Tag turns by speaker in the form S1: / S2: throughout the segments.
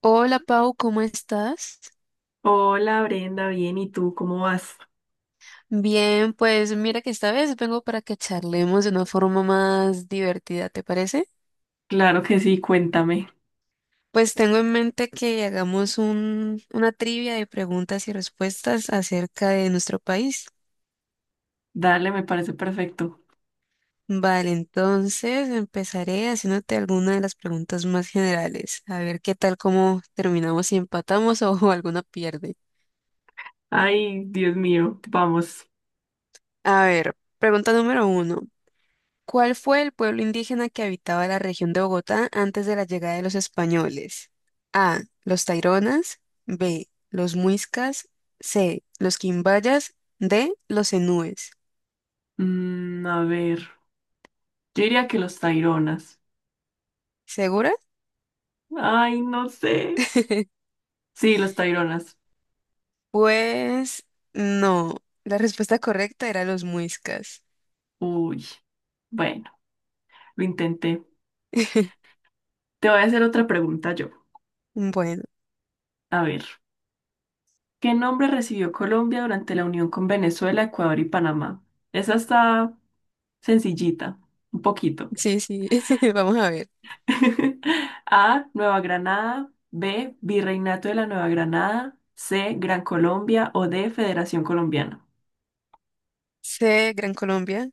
S1: Hola Pau, ¿cómo estás?
S2: Hola Brenda, bien, ¿y tú cómo vas?
S1: Bien, pues mira que esta vez vengo para que charlemos de una forma más divertida, ¿te parece?
S2: Claro que sí, cuéntame.
S1: Pues tengo en mente que hagamos una trivia de preguntas y respuestas acerca de nuestro país.
S2: Dale, me parece perfecto.
S1: Vale, entonces empezaré haciéndote alguna de las preguntas más generales. A ver qué tal, cómo terminamos, si empatamos o alguna pierde.
S2: Ay, Dios mío, vamos.
S1: A ver, pregunta número uno. ¿Cuál fue el pueblo indígena que habitaba la región de Bogotá antes de la llegada de los españoles? A. Los Taironas. B. Los Muiscas. C. Los Quimbayas. D. Los Enúes.
S2: A ver, yo diría que los Taironas.
S1: ¿Segura?
S2: Ay, no sé. Sí, los Taironas.
S1: Pues no. La respuesta correcta era los Muiscas.
S2: Uy, bueno, lo intenté. Te voy a hacer otra pregunta yo.
S1: Bueno,
S2: A ver, ¿qué nombre recibió Colombia durante la unión con Venezuela, Ecuador y Panamá? Esa está sencillita, un poquito.
S1: sí, sí. Vamos a ver.
S2: A. Nueva Granada. B. Virreinato de la Nueva Granada. C. Gran Colombia. O D. Federación Colombiana.
S1: C. Gran Colombia.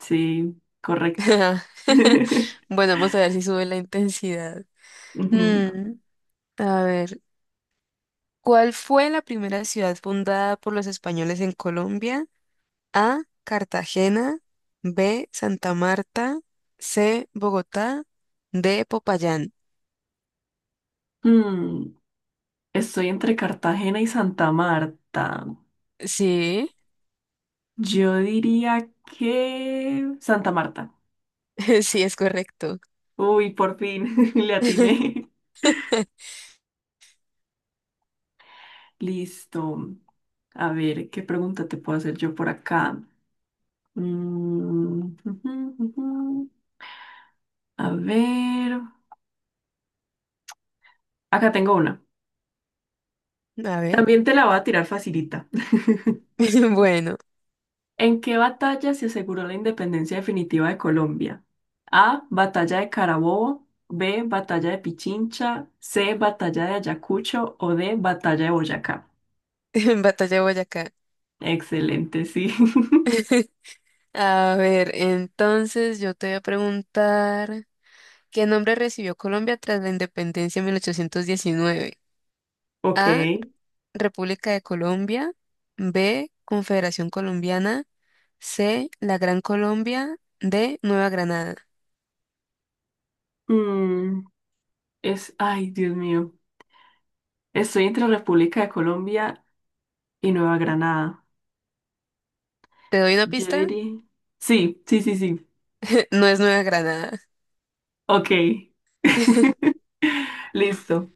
S2: Sí, correcto.
S1: Bueno, vamos a ver si sube la intensidad.
S2: Ujú.
S1: Mm, a ver. ¿Cuál fue la primera ciudad fundada por los españoles en Colombia? A. Cartagena. B. Santa Marta. C. Bogotá. D. Popayán.
S2: Hmm, Estoy entre Cartagena y Santa Marta.
S1: Sí,
S2: Yo diría que Santa Marta.
S1: sí es correcto.
S2: Uy, por fin, le atiné. Listo. A ver, ¿qué pregunta te puedo hacer yo por acá? Mm, ujú, ujú. A ver. Acá tengo una.
S1: A ver,
S2: También te la voy a tirar facilita.
S1: bueno,
S2: ¿En qué batalla se aseguró la independencia definitiva de Colombia? A. Batalla de Carabobo. B. Batalla de Pichincha. C. Batalla de Ayacucho. O D. Batalla de Boyacá.
S1: en Batalla de Boyacá.
S2: Excelente, sí.
S1: A ver, entonces yo te voy a preguntar, ¿qué nombre recibió Colombia tras la independencia en 1819?
S2: Ok.
S1: A, República de Colombia. B, Confederación Colombiana. C, la Gran Colombia. D, Nueva Granada.
S2: Mm, es, ay, Dios mío. Estoy entre República de Colombia y Nueva Granada.
S1: ¿Te doy una
S2: Yo
S1: pista?
S2: diría- Sí, sí, sí, sí.
S1: No es Nueva Granada.
S2: Ok. Listo.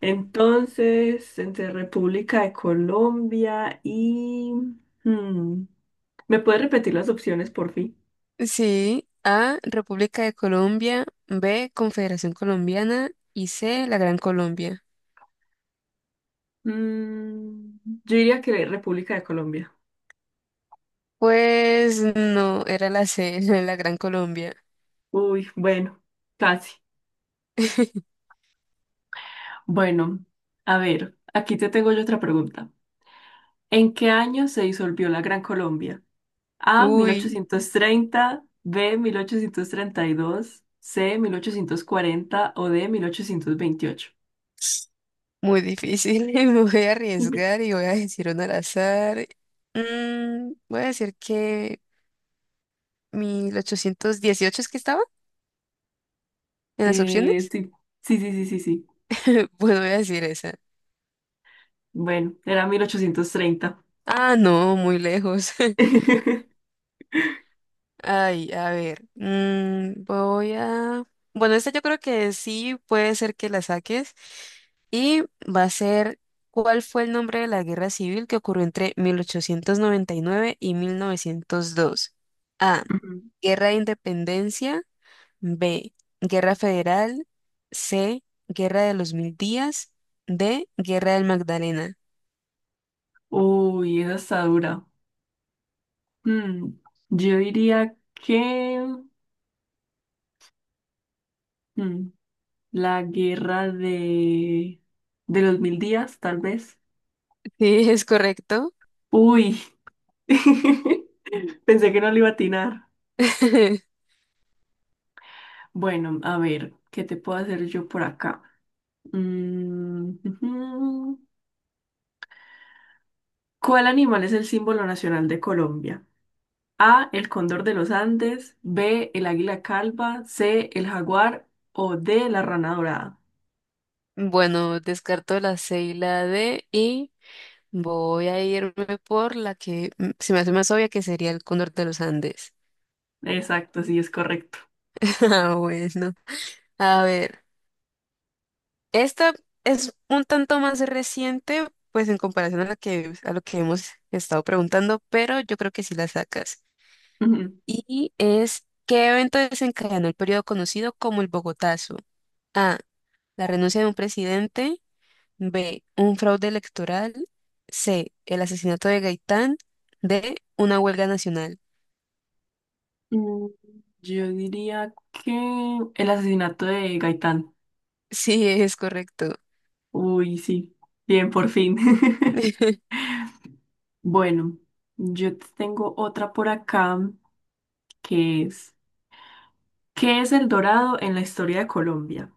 S2: Entonces, entre República de Colombia y... hmm, ¿Me puedes repetir las opciones, por fin?
S1: Sí. A, República de Colombia. B, Confederación Colombiana. Y C, la Gran Colombia.
S2: Mm, yo diría que República de Colombia.
S1: Pues no, era la C, la Gran Colombia.
S2: Uy, bueno, casi. Bueno, a ver, aquí te tengo yo otra pregunta. ¿En qué año se disolvió la Gran Colombia? A, mil
S1: Uy,
S2: ochocientos treinta, B, 1832, C, 1840 o D, 1828.
S1: muy difícil, me voy a arriesgar y voy a decir un al azar. Voy a decir que 1818 es que estaba en las opciones.
S2: Sí, sí, sí, sí, sí. Sí.
S1: Bueno, voy a decir esa.
S2: Bueno, era 1830.
S1: Ah, no, muy lejos. Ay, a ver, voy a... Bueno, esta yo creo que sí puede ser que la saques. Y va a ser, ¿cuál fue el nombre de la guerra civil que ocurrió entre 1899 y 1902? A.
S2: Ujú.
S1: Guerra de Independencia. B. Guerra Federal. C. Guerra de los Mil Días. D. Guerra del Magdalena.
S2: Uy, esa está dura. Mm, yo diría que mm, la guerra de los mil días, tal vez.
S1: Sí, es correcto.
S2: Uy, pensé que no le iba a atinar. Bueno, a ver, ¿qué te puedo hacer yo por acá? Mm, ujú. ¿Cuál animal es el símbolo nacional de Colombia? A, el cóndor de los Andes, B, el águila calva, C, el jaguar o D, la rana dorada.
S1: Bueno, descarto la C y la D y voy a irme por la que se me hace más obvia, que sería el cóndor de los Andes.
S2: Exacto, sí, es correcto.
S1: Ah, bueno. A ver, esta es un tanto más reciente, pues en comparación a la que, a lo que hemos estado preguntando, pero yo creo que sí la sacas. Y es, ¿qué evento desencadenó el periodo conocido como el Bogotazo? A, la renuncia de un presidente. B. Un fraude electoral. C. El asesinato de Gaitán. D. Una huelga nacional.
S2: Ujú. Yo diría que el asesinato de Gaitán.
S1: Sí, es correcto.
S2: Uy, sí, bien, por fin. Bueno, yo te tengo otra por acá que es, ¿qué es el dorado en la historia de Colombia?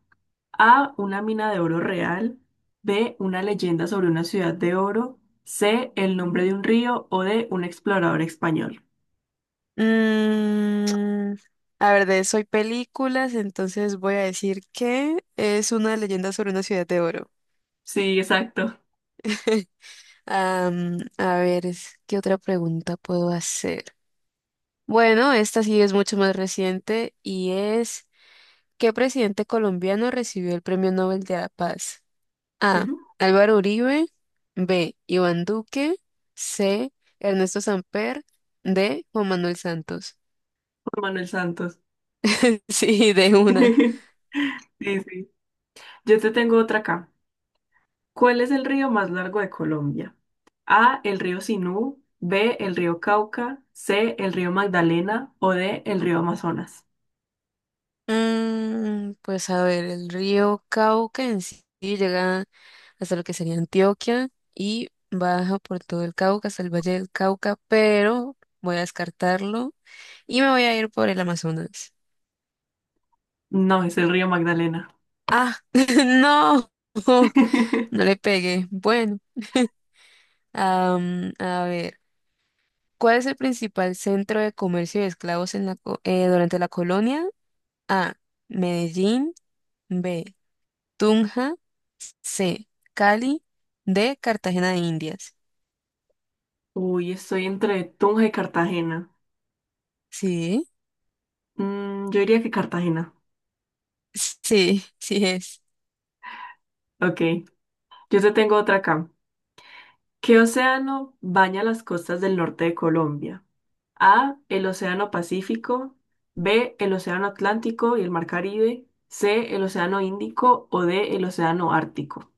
S2: A. Una mina de oro real. B. Una leyenda sobre una ciudad de oro. C. El nombre de un río o D. Un explorador español.
S1: Mm, a ver, de eso hay películas, entonces voy a decir que es una leyenda sobre una ciudad de oro.
S2: Sí, exacto.
S1: Am, a ver, ¿qué otra pregunta puedo hacer? Bueno, esta sí es mucho más reciente y es, ¿qué presidente colombiano recibió el Premio Nobel de la Paz? A.
S2: Ujú,
S1: Álvaro Uribe. B. Iván Duque. C. Ernesto Samper. D. Juan Manuel Santos.
S2: Juan Manuel Santos.
S1: Sí, de una.
S2: Sí, sí. Yo te tengo otra acá. ¿Cuál es el río más largo de Colombia? A. El río Sinú. B. El río Cauca. C. El río Magdalena o D. El río Amazonas.
S1: Mm, pues a ver, el río Cauca en sí llega hasta lo que sería Antioquia y baja por todo el Cauca hasta el Valle del Cauca, pero voy a descartarlo y me voy a ir por el Amazonas.
S2: No, es el río Magdalena.
S1: Ah, no, no le pegué. Bueno, am, a ver. ¿Cuál es el principal centro de comercio de esclavos en durante la colonia? A. Medellín. B. Tunja. C. Cali. D. Cartagena de Indias.
S2: Uy, estoy entre Tunja y Cartagena.
S1: Sí,
S2: Yo diría que Cartagena.
S1: sí, sí es.
S2: Ok. Yo te tengo otra acá. ¿Qué océano baña las costas del norte de Colombia? A, el Océano Pacífico. B, el Océano Atlántico y el Mar Caribe. C, el Océano Índico o D, el Océano Ártico.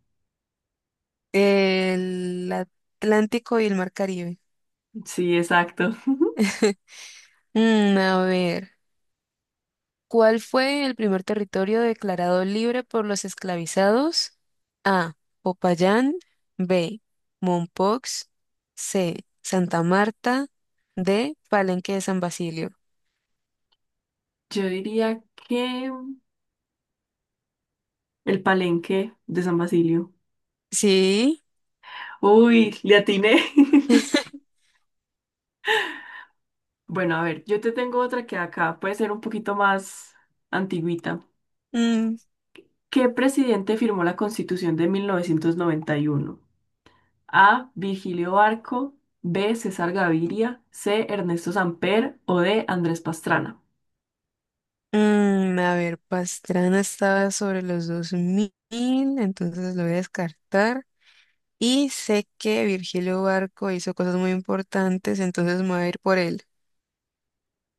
S1: El Atlántico y el Mar Caribe.
S2: Sí, exacto.
S1: Mm, a ver. ¿Cuál fue el primer territorio declarado libre por los esclavizados? A. Popayán. B. Mompox. C. Santa Marta. D. Palenque de San Basilio.
S2: Yo diría que el Palenque de San Basilio.
S1: Sí.
S2: Uy, le atiné. Bueno, a ver, yo te tengo otra que acá puede ser un poquito más antigüita.
S1: Mm,
S2: ¿Qué presidente firmó la Constitución de 1991? A. Virgilio Barco, B. César Gaviria, C. Ernesto Samper o D. Andrés Pastrana.
S1: a ver, Pastrana estaba sobre los 2000, entonces lo voy a descartar. Y sé que Virgilio Barco hizo cosas muy importantes, entonces me voy a ir por él.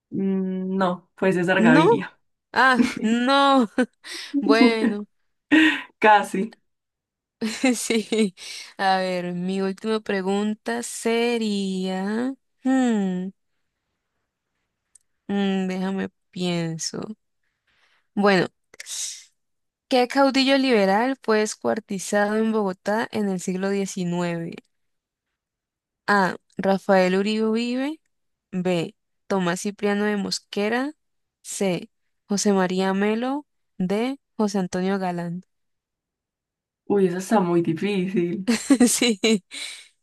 S2: No, fue César
S1: ¿No?
S2: Gaviria.
S1: Ah, no. Bueno.
S2: Casi.
S1: Sí. A ver, mi última pregunta sería, hmm, déjame pienso. Bueno, ¿qué caudillo liberal fue descuartizado en Bogotá en el siglo XIX? A. Rafael Uribe Uribe. B. Tomás Cipriano de Mosquera. C. José María Melo. D. José Antonio Galán.
S2: Uy, eso está muy difícil.
S1: Sí,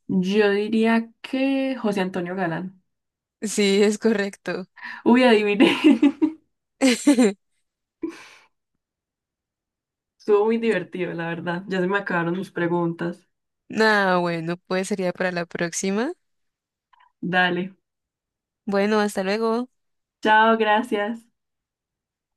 S2: Yo diría que José Antonio Galán.
S1: sí, es correcto.
S2: Uy, adiviné. Estuvo muy divertido, la verdad. Ya se me acabaron mis preguntas.
S1: Ah, bueno, pues sería para la próxima.
S2: Dale.
S1: Bueno, hasta luego.
S2: Chao, gracias.